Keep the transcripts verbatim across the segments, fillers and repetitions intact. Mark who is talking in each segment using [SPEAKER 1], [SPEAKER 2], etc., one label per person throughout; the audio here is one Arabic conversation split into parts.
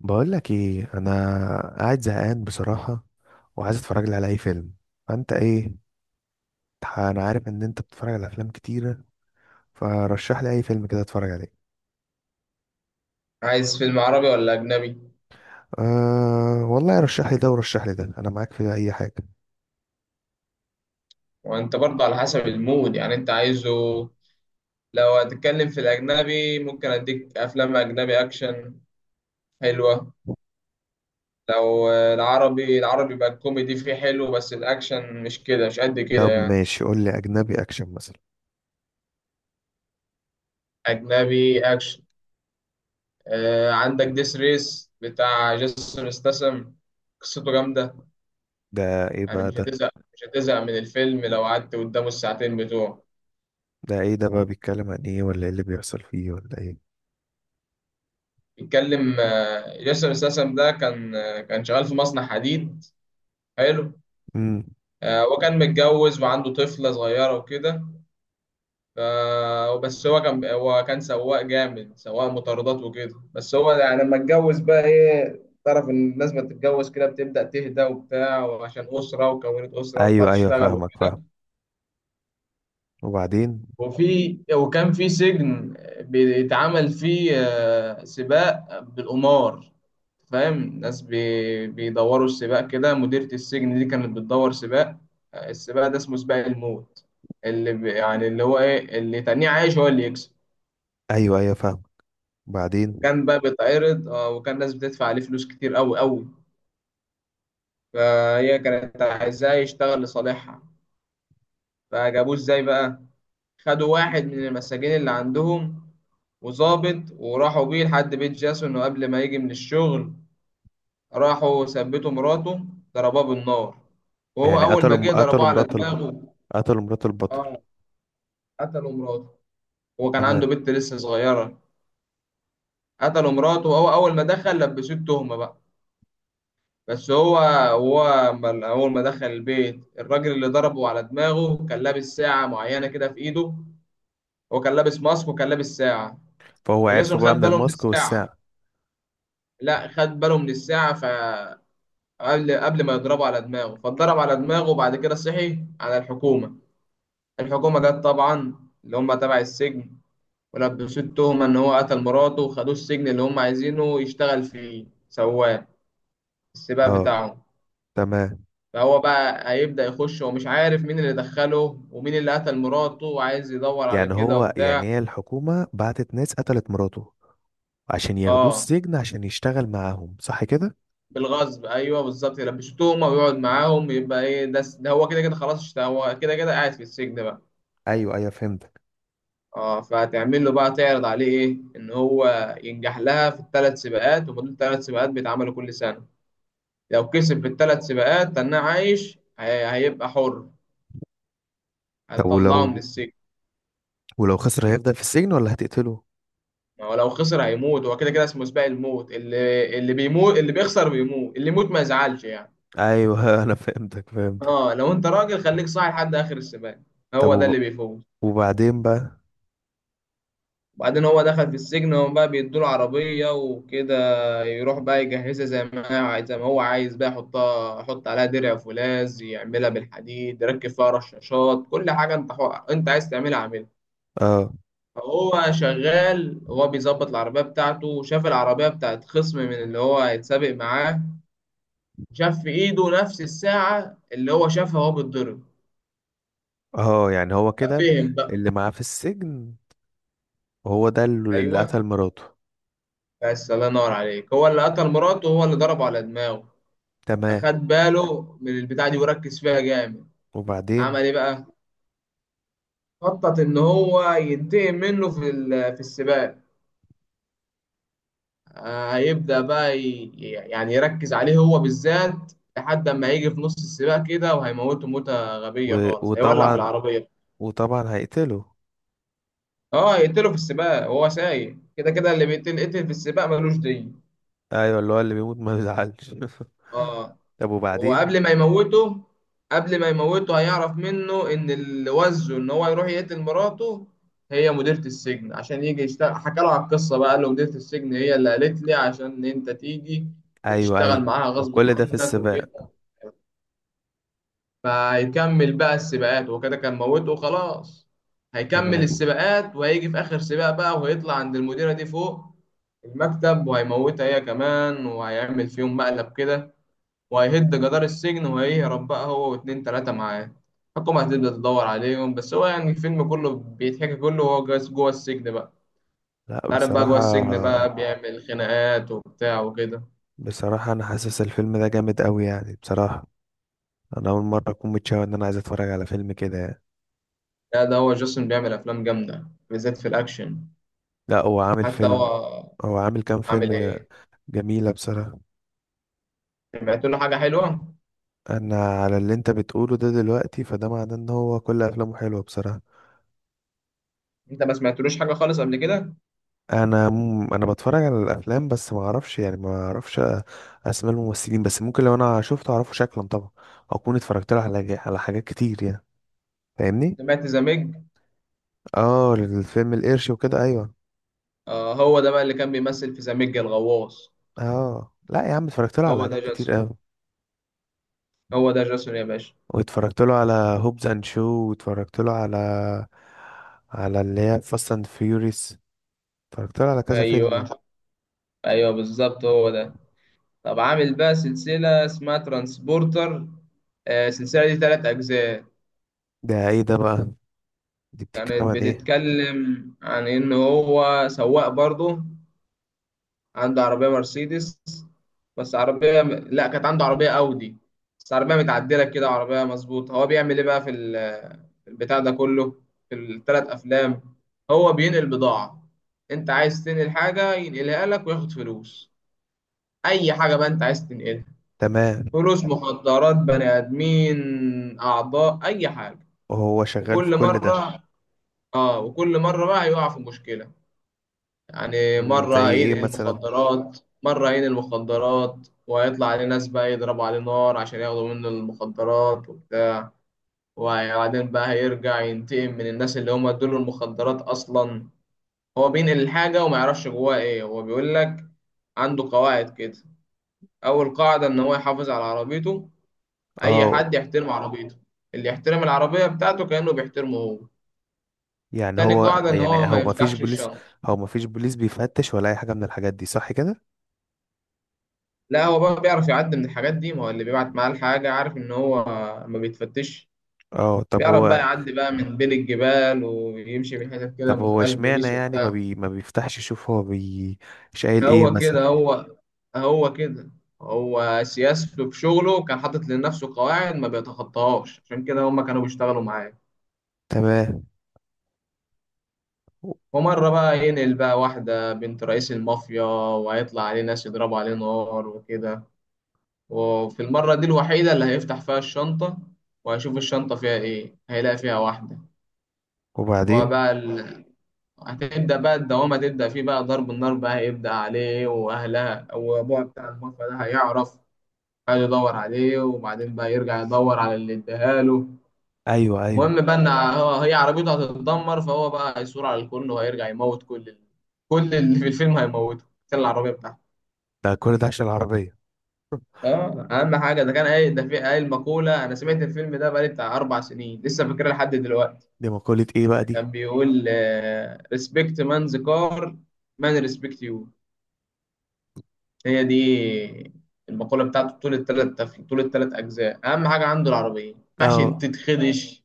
[SPEAKER 1] بقول لك ايه. انا قاعد زهقان بصراحه، وعايز اتفرج لي على اي فيلم. فانت ايه؟ تح- انا عارف ان انت بتتفرج على افلام كتيره، فرشح لي اي فيلم كده اتفرج عليه.
[SPEAKER 2] عايز فيلم عربي ولا أجنبي؟
[SPEAKER 1] أه والله رشح لي ده ورشح لي ده، انا معاك في اي حاجه.
[SPEAKER 2] وأنت برضه على حسب المود يعني أنت عايزه. لو هتتكلم في الأجنبي ممكن أديك أفلام أجنبي أكشن حلوة. لو آه، العربي العربي بقى الكوميدي فيه حلو، بس الأكشن مش كده، مش قد كده
[SPEAKER 1] طب
[SPEAKER 2] يعني.
[SPEAKER 1] ماشي، قول لي اجنبي اكشن مثلا.
[SPEAKER 2] أجنبي أكشن، آه عندك ديس ريس بتاع جيسون استسم. قصته جامدة،
[SPEAKER 1] ده ايه
[SPEAKER 2] يعني
[SPEAKER 1] بقى
[SPEAKER 2] مش
[SPEAKER 1] ده؟
[SPEAKER 2] هتزهق مش هتزهق من الفيلم لو قعدت قدامه الساعتين بتوعه.
[SPEAKER 1] ده ايه ده بقى؟ بيتكلم عن ايه ولا ايه اللي بيحصل فيه ولا ايه؟
[SPEAKER 2] بيتكلم، آه، جيسون استسم ده كان، آه، كان شغال في مصنع حديد. حلو.
[SPEAKER 1] امم
[SPEAKER 2] آه، هو كان متجوز وعنده طفلة صغيرة وكده. ف- بس هو كان هو كان سواق جامد، سواق مطاردات وكده. بس هو يعني لما اتجوز بقى ايه، تعرف ان الناس ما تتجوز كده بتبدأ تهدى وبتاع، وعشان أسرة، وكونت أسرة وطلعت
[SPEAKER 1] ايوه ايوه،
[SPEAKER 2] تشتغل
[SPEAKER 1] فاهمك
[SPEAKER 2] وكده.
[SPEAKER 1] فاهم. وبعدين؟
[SPEAKER 2] وفي وكان في سجن بيتعمل فيه آه، سباق بالقمار. فاهم، ناس بي- بيدوروا السباق كده، مديرة السجن دي كانت بتدور سباق. آه، السباق ده اسمه سباق الموت، اللي ب- يعني اللي هو ايه، اللي تاني عايش هو اللي يكسب.
[SPEAKER 1] ايوه ايوه فاهم. بعدين؟
[SPEAKER 2] كان بقى بيتعرض، آه، وكان ناس بتدفع عليه فلوس كتير قوي قوي. فهي كانت عايزاه يشتغل لصالحها. فجابوه ازاي بقى؟ خدوا واحد من المساجين اللي عندهم وظابط، وراحوا بيه لحد بيت جاسون. وقبل ما يجي من الشغل راحوا ثبتوا مراته، ضربوها بالنار. وهو
[SPEAKER 1] يعني
[SPEAKER 2] أول ما جه
[SPEAKER 1] قتلوا قتلوا
[SPEAKER 2] ضربوه على
[SPEAKER 1] مرات الب...
[SPEAKER 2] دماغه.
[SPEAKER 1] قتلوا مرات البطل؟
[SPEAKER 2] اه، قتلوا مراته. هو كان
[SPEAKER 1] تمام.
[SPEAKER 2] عنده بنت لسه صغيرة. قتلوا مراته وهو أول ما دخل لبسوه التهمة بقى. بس هو، هو أما- أول ما دخل البيت، الراجل اللي ضربه على دماغه كان لابس ساعة معينة كده في إيده. هو كان لابس ماسك وكان لابس ساعة.
[SPEAKER 1] فهو عرفه
[SPEAKER 2] فجاسون خد
[SPEAKER 1] بقى من
[SPEAKER 2] باله من
[SPEAKER 1] الماسك
[SPEAKER 2] الساعة.
[SPEAKER 1] والساعة.
[SPEAKER 2] لا، خد باله من الساعة فقبل، قبل ما يضربه على دماغه، فاتضرب على دماغه. وبعد كده صحي على الحكومة. الحكومة جت طبعا، اللي هم تبع السجن. ولبسوه التهمة إن هو قتل مراته، وخدوه السجن اللي هم عايزينه يشتغل فيه سواق السباق
[SPEAKER 1] اه،
[SPEAKER 2] بتاعه.
[SPEAKER 1] تمام.
[SPEAKER 2] فهو بقى هيبدأ يخش ومش عارف مين اللي دخله ومين اللي قتل مراته، وعايز يدور على
[SPEAKER 1] يعني
[SPEAKER 2] كده
[SPEAKER 1] هو،
[SPEAKER 2] وبتاع.
[SPEAKER 1] يعني هي الحكومة بعتت ناس قتلت مراته عشان ياخدوه
[SPEAKER 2] اه،
[SPEAKER 1] السجن عشان يشتغل معاهم، صح كده؟
[SPEAKER 2] بالغصب، ايوه بالظبط، يلبسوه تهمة ويقعد معاهم، يبقى ايه، ده ده هو كده كده خلاص، اشت- هو كده كده قاعد في السجن بقى.
[SPEAKER 1] ايوه ايوه فهمتك.
[SPEAKER 2] اه، فهتعمل له بقى تعرض عليه ايه، ان هو ينجح لها في الثلاث سباقات، وما دول ثلاث سباقات بيتعملوا كل سنه. لو كسب في الثلاث سباقات تناه عايش هي- هيبقى حر،
[SPEAKER 1] طب
[SPEAKER 2] هتطلعه من
[SPEAKER 1] ولو،
[SPEAKER 2] السجن.
[SPEAKER 1] ولو خسر هيفضل في السجن ولا هتقتله؟
[SPEAKER 2] ولو خسر هيموت، هو كده كده اسمه سباق الموت، اللي اللي بيموت، اللي بيخسر بيموت، اللي يموت ما يزعلش يعني.
[SPEAKER 1] ايوه انا فهمتك فهمتك.
[SPEAKER 2] اه، لو انت راجل خليك صاحي لحد اخر السباق،
[SPEAKER 1] طب
[SPEAKER 2] هو ده اللي
[SPEAKER 1] وب...
[SPEAKER 2] بيفوز.
[SPEAKER 1] وبعدين بقى؟
[SPEAKER 2] وبعدين هو دخل في السجن وهم بقى بيدوله عربية وكده. يروح بقى يجهزها زي ما هي عايز، زي ما هو عايز بقى، يحطها، يحط عليها درع فولاذ، يعملها بالحديد، يركب فيها رشاشات، كل حاجة انت حو... انت عايز تعملها عاملها.
[SPEAKER 1] اه
[SPEAKER 2] فهو شغال، هو بيظبط العربية بتاعته، وشاف العربية بتاعت خصم من اللي هو هيتسابق معاه. شاف في ايده نفس الساعة اللي هو شافها وهو بيتضرب.
[SPEAKER 1] اه، يعني هو كده
[SPEAKER 2] ففهم بقى.
[SPEAKER 1] اللي معاه في السجن هو ده اللي اللي
[SPEAKER 2] ايوه،
[SPEAKER 1] قتل مراته.
[SPEAKER 2] بس الله ينور عليك، هو اللي قتل مراته وهو اللي ضربه على دماغه.
[SPEAKER 1] تمام.
[SPEAKER 2] فخد باله من البتاعة دي وركز فيها جامد. عمل
[SPEAKER 1] وبعدين؟
[SPEAKER 2] ايه بقى؟ خطط ان هو ينتقم منه في ال- في السباق. آه، هيبدأ بقى ي- يعني يركز عليه هو بالذات. لحد ما هيجي في نص السباق كده وهيموته موتة غبية
[SPEAKER 1] و...
[SPEAKER 2] خالص، هيولع في
[SPEAKER 1] وطبعا،
[SPEAKER 2] العربية.
[SPEAKER 1] وطبعا هيقتله.
[SPEAKER 2] اه، يقتله في السباق وهو سايق، كده كده اللي بيتقتل قتل في السباق ملوش دين.
[SPEAKER 1] ايوه، اللي هو اللي بيموت ما بيزعلش
[SPEAKER 2] اه.
[SPEAKER 1] طب وبعدين؟
[SPEAKER 2] وقبل ما يموته، قبل ما يموته هيعرف منه ان اللي وزه ان هو يروح يقتل مراته هي مديرة السجن، عشان يجي يشتغل. حكى له على القصة بقى، قال له مديرة السجن هي اللي قالت لي عشان انت تيجي
[SPEAKER 1] ايوه ايوه.
[SPEAKER 2] وتشتغل معاها غصب
[SPEAKER 1] وكل ده في
[SPEAKER 2] عنك
[SPEAKER 1] السباق؟
[SPEAKER 2] وكده. فهيكمل بقى السباقات وكده، كان موته خلاص. هيكمل
[SPEAKER 1] تمام.
[SPEAKER 2] السباقات وهيجي في آخر سباق بقى، وهيطلع عند المديرة دي فوق المكتب وهيموتها هي كمان وهيعمل فيهم مقلب كده. وهيهد جدار السجن وهيهرب بقى هو واتنين تلاتة معاه. الحكومة هتبدأ تدور عليهم. بس هو يعني الفيلم كله بيتحكي كله وهو جاس- جوه السجن بقى.
[SPEAKER 1] لا
[SPEAKER 2] تعرف بقى جوه السجن
[SPEAKER 1] بصراحه،
[SPEAKER 2] بقى بيعمل خناقات وبتاع وكده.
[SPEAKER 1] بصراحه انا حاسس الفيلم ده جامد قوي يعني بصراحه. انا اول مره اكون متشوق ان انا عايز اتفرج على فيلم كده يعني.
[SPEAKER 2] لا، ده هو جاسون بيعمل أفلام جامدة بالذات في الأكشن.
[SPEAKER 1] لا هو عامل
[SPEAKER 2] حتى هو
[SPEAKER 1] فيلم. هو عامل كام
[SPEAKER 2] عامل
[SPEAKER 1] فيلم جا-
[SPEAKER 2] إيه،
[SPEAKER 1] جميله بصراحه.
[SPEAKER 2] سمعت له حاجة حلوة؟
[SPEAKER 1] انا على اللي انت بتقوله ده دلوقتي، فده معناه ان هو كل افلامه حلوه بصراحه.
[SPEAKER 2] أنت ما سمعتلوش حاجة خالص قبل كده؟
[SPEAKER 1] انا م- انا بتفرج على الافلام بس ما اعرفش يعني ما اعرفش أ- اسماء الممثلين، بس ممكن لو انا شفته اعرفه شكلا طبعا. او اكون اتفرجت له على جا- على حاجات كتير يعني. فاهمني.
[SPEAKER 2] سمعت زاميج؟
[SPEAKER 1] اه الفيلم القرش وكده، ايوه.
[SPEAKER 2] آه، هو ده بقى اللي كان بيمثل في زاميج الغواص.
[SPEAKER 1] اه لا يا عم اتفرجت له على
[SPEAKER 2] هو ده
[SPEAKER 1] حاجات كتير
[SPEAKER 2] جاسون.
[SPEAKER 1] قوي.
[SPEAKER 2] هو ده جاسون يا باشا.
[SPEAKER 1] واتفرجت له على هوبز اند شو، واتفرجت له على على اللي هي فاست اند فيوريس. اتفرجت له على كذا فيلم.
[SPEAKER 2] أيوه، أيوه، بالظبط هو ده. طب عامل بقى سلسلة اسمها ترانسبورتر. آه، السلسلة دي تلات أجزاء.
[SPEAKER 1] ده ايه ده بقى؟ دي بتتكلم
[SPEAKER 2] كانت
[SPEAKER 1] عن ايه؟
[SPEAKER 2] بتتكلم عن إن هو سواق برضه، عنده عربية مرسيدس. بس عربية لأ، كانت عنده عربية أودي. بس عربية متعدلة كده، عربية مظبوطة. هو بيعمل إيه بقى في ال- في البتاع ده كله، في التلات أفلام؟ هو بينقل بضاعة. أنت عايز تنقل حاجة ينقلها لك وياخد فلوس، أي حاجة بقى أنت عايز تنقلها.
[SPEAKER 1] تمام.
[SPEAKER 2] فلوس، مخدرات، بني ادمين، اعضاء، اي حاجه.
[SPEAKER 1] وهو شغال في
[SPEAKER 2] وكل
[SPEAKER 1] كل ده؟
[SPEAKER 2] مره، اه وكل مره بقى يقع في مشكله. يعني
[SPEAKER 1] مم، زي
[SPEAKER 2] مره
[SPEAKER 1] ايه
[SPEAKER 2] ينقل
[SPEAKER 1] مثلا؟
[SPEAKER 2] مخدرات. مره ينقل مخدرات وهيطلع عليه ناس بقى يضربوا عليه نار عشان ياخدوا منه المخدرات وبتاع. وبعدين بقى هيرجع ينتقم من الناس اللي هم ادوا له المخدرات اصلا. هو بينقل الحاجه وما يعرفش جواها ايه. هو بيقول لك عنده قواعد كده. اول قاعده ان هو يحافظ على عربيته، اي
[SPEAKER 1] اه،
[SPEAKER 2] حد يحترم عربيته، اللي يحترم العربيه بتاعته كانه بيحترمه هو.
[SPEAKER 1] يعني
[SPEAKER 2] تاني
[SPEAKER 1] هو،
[SPEAKER 2] قاعده ان
[SPEAKER 1] يعني
[SPEAKER 2] هو ما
[SPEAKER 1] هو ما فيش
[SPEAKER 2] يفتحش
[SPEAKER 1] بوليس؟
[SPEAKER 2] الشنطه.
[SPEAKER 1] هو ما فيش بوليس بيفتش ولا اي حاجه من الحاجات دي، صح كده؟
[SPEAKER 2] لا، هو بقى بيعرف يعدي من الحاجات دي، ما هو اللي بيبعت معاه الحاجه عارف ان هو ما بيتفتش.
[SPEAKER 1] اه طب
[SPEAKER 2] بيعرف بقى
[SPEAKER 1] هو،
[SPEAKER 2] يعدي بقى من بين الجبال ويمشي من حتت كده
[SPEAKER 1] طب
[SPEAKER 2] ما
[SPEAKER 1] هو
[SPEAKER 2] فيهاش
[SPEAKER 1] اشمعنى
[SPEAKER 2] بوليس
[SPEAKER 1] يعني ما
[SPEAKER 2] وبتاع.
[SPEAKER 1] بي ما بيفتحش يشوف؟ هو بي شايل ايه
[SPEAKER 2] هو
[SPEAKER 1] مثلا؟
[SPEAKER 2] كده هو هو كده، هو سياسته في شغله كان حاطط لنفسه قواعد ما بيتخطاهاش، عشان كده هما كانوا بيشتغلوا معاه.
[SPEAKER 1] تمام.
[SPEAKER 2] ومرة بقى ينقل بقى واحدة بنت رئيس المافيا، وهيطلع عليه ناس يضربوا عليه نار وكده. وفي المرة دي الوحيدة اللي هيفتح فيها الشنطة، وهيشوف الشنطة فيها إيه، هيلاقي فيها واحدة. هو
[SPEAKER 1] وبعدين؟
[SPEAKER 2] بقى ال... هتبدأ بقى الدوامة تبدأ فيه بقى، ضرب النار بقى هيبدأ عليه، وأهلها وأبوها بتاع المافيا ده هيعرف، هيدور عليه، وبعدين بقى يرجع يدور على اللي اداها له.
[SPEAKER 1] ايوه ايوه.
[SPEAKER 2] المهم بقى ان هو هي عربيته هتتدمر، فهو بقى هيثور على الكل وهيرجع يموت كل ال... كل اللي في الفيلم هيموته عشان العربيه بتاعته.
[SPEAKER 1] ده كل ده عشان العربيه؟
[SPEAKER 2] اه، اهم حاجه، ده كان قايل ده في قايل مقوله، انا سمعت الفيلم ده بقالي بتاع اربع سنين لسه فاكرها لحد دلوقتي.
[SPEAKER 1] دي مقوله ايه بقى دي؟
[SPEAKER 2] كان بيقول، ريسبكت مان ذا كار، مان ريسبكت يو. هي دي المقوله بتاعته. طول الثلاث طول الثلاث اجزاء، اهم حاجه عنده العربيه ما ينفعش
[SPEAKER 1] اه
[SPEAKER 2] تتخدش.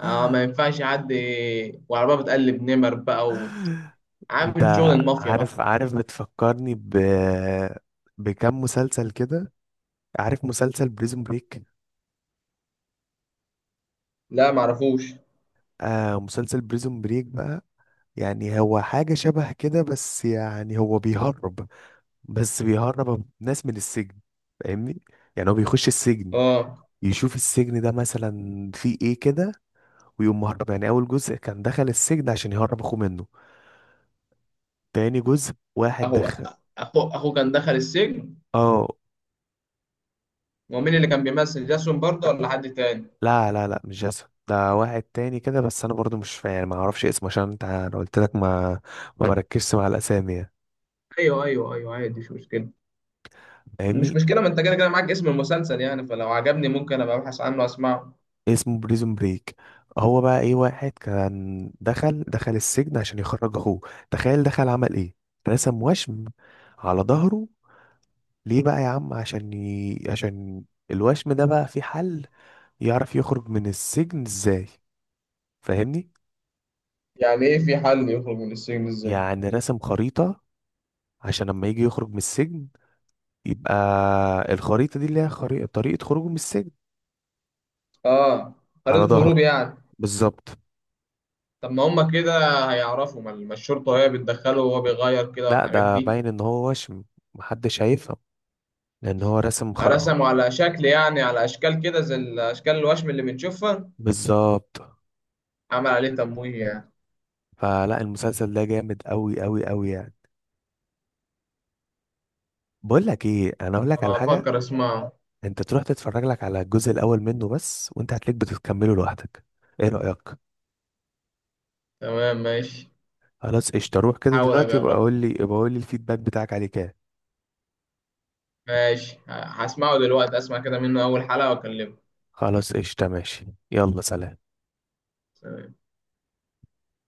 [SPEAKER 2] اه، ما ينفعش حد. وعربيه بتقلب نمر بقى،
[SPEAKER 1] انت
[SPEAKER 2] عامل شغل المافيا بقى.
[SPEAKER 1] عارف، عارف بتفكرني ب، بكم مسلسل كده. عارف مسلسل بريزون بريك؟
[SPEAKER 2] لا معرفوش.
[SPEAKER 1] آه مسلسل بريزون بريك بقى، يعني هو حاجة شبه كده، بس يعني هو بيهرب، بس بيهرب ناس من السجن. فاهمني؟ يعني هو بيخش السجن
[SPEAKER 2] اه،
[SPEAKER 1] يشوف السجن ده مثلا فيه ايه كده، ويقوم مهرب. يعني اول جزء كان دخل السجن عشان يهرب اخوه منه. تاني جزء واحد
[SPEAKER 2] اهو،
[SPEAKER 1] دخل.
[SPEAKER 2] اخو اخو كان دخل السجن.
[SPEAKER 1] اه
[SPEAKER 2] ومين اللي كان بيمثل، جاسون برضه ولا حد تاني؟
[SPEAKER 1] لا لا لا، مش جاسون، ده واحد تاني كده. بس انا برضو مش فاهم يعني ما اعرفش اسمه، عشان انت انا قلت لك ما ما بركزش مع الاسامي يعني.
[SPEAKER 2] ايوه، ايوه، ايوه، عادي مش مشكله. مش
[SPEAKER 1] فاهمني.
[SPEAKER 2] مشكله، ما انت كده كده معاك اسم المسلسل يعني، فلو عجبني ممكن ابقى ابحث عنه واسمعه.
[SPEAKER 1] اسمه بريزون بريك. هو بقى ايه، واحد كان دخل دخل السجن عشان يخرج اخوه. تخيل دخل عمل ايه، رسم وشم على ظهره. ليه بقى يا عم؟ عشان ي... عشان الوشم ده بقى في حل يعرف يخرج من السجن ازاي. فاهمني؟
[SPEAKER 2] يعني ايه في حل يخرج من السجن ازاي؟
[SPEAKER 1] يعني رسم خريطة، عشان لما يجي يخرج من السجن يبقى الخريطة دي اللي هي خري... طريقة خروجه من السجن.
[SPEAKER 2] اه،
[SPEAKER 1] على
[SPEAKER 2] خريطه هروب
[SPEAKER 1] ظهره.
[SPEAKER 2] يعني.
[SPEAKER 1] بالظبط.
[SPEAKER 2] طب ما هما كده هيعرفوا، ما ما الشرطه هي بتدخله وهو بيغير كده
[SPEAKER 1] لا
[SPEAKER 2] الحاجات
[SPEAKER 1] ده
[SPEAKER 2] دي.
[SPEAKER 1] باين ان هو وشم، محدش هيفهم، لان هو رسم خ...
[SPEAKER 2] رسموا على شكل يعني، على اشكال كده زي الاشكال الوشم اللي بنشوفها؟
[SPEAKER 1] بالظبط.
[SPEAKER 2] عمل عليه تمويه يعني؟
[SPEAKER 1] فلا المسلسل ده جامد قوي قوي قوي يعني. بقول لك ايه، انا اقول لك على
[SPEAKER 2] أبقى
[SPEAKER 1] حاجه.
[SPEAKER 2] أفكر أسمعه.
[SPEAKER 1] انت تروح تتفرج لك على الجزء الاول منه بس، وانت هتلاقيك بتكمله لوحدك. ايه رايك؟
[SPEAKER 2] تمام ماشي.
[SPEAKER 1] خلاص قشطه، روح كده
[SPEAKER 2] حاول
[SPEAKER 1] دلوقتي، يبقى
[SPEAKER 2] أجربه.
[SPEAKER 1] قول لي، يبقى قول لي الفيدباك بتاعك عليه كده.
[SPEAKER 2] ماشي، ه- هسمعه دلوقتي، أسمع كده منه أول حلقة وأكلمه.
[SPEAKER 1] خلاص قشطه ماشي، يلا سلام.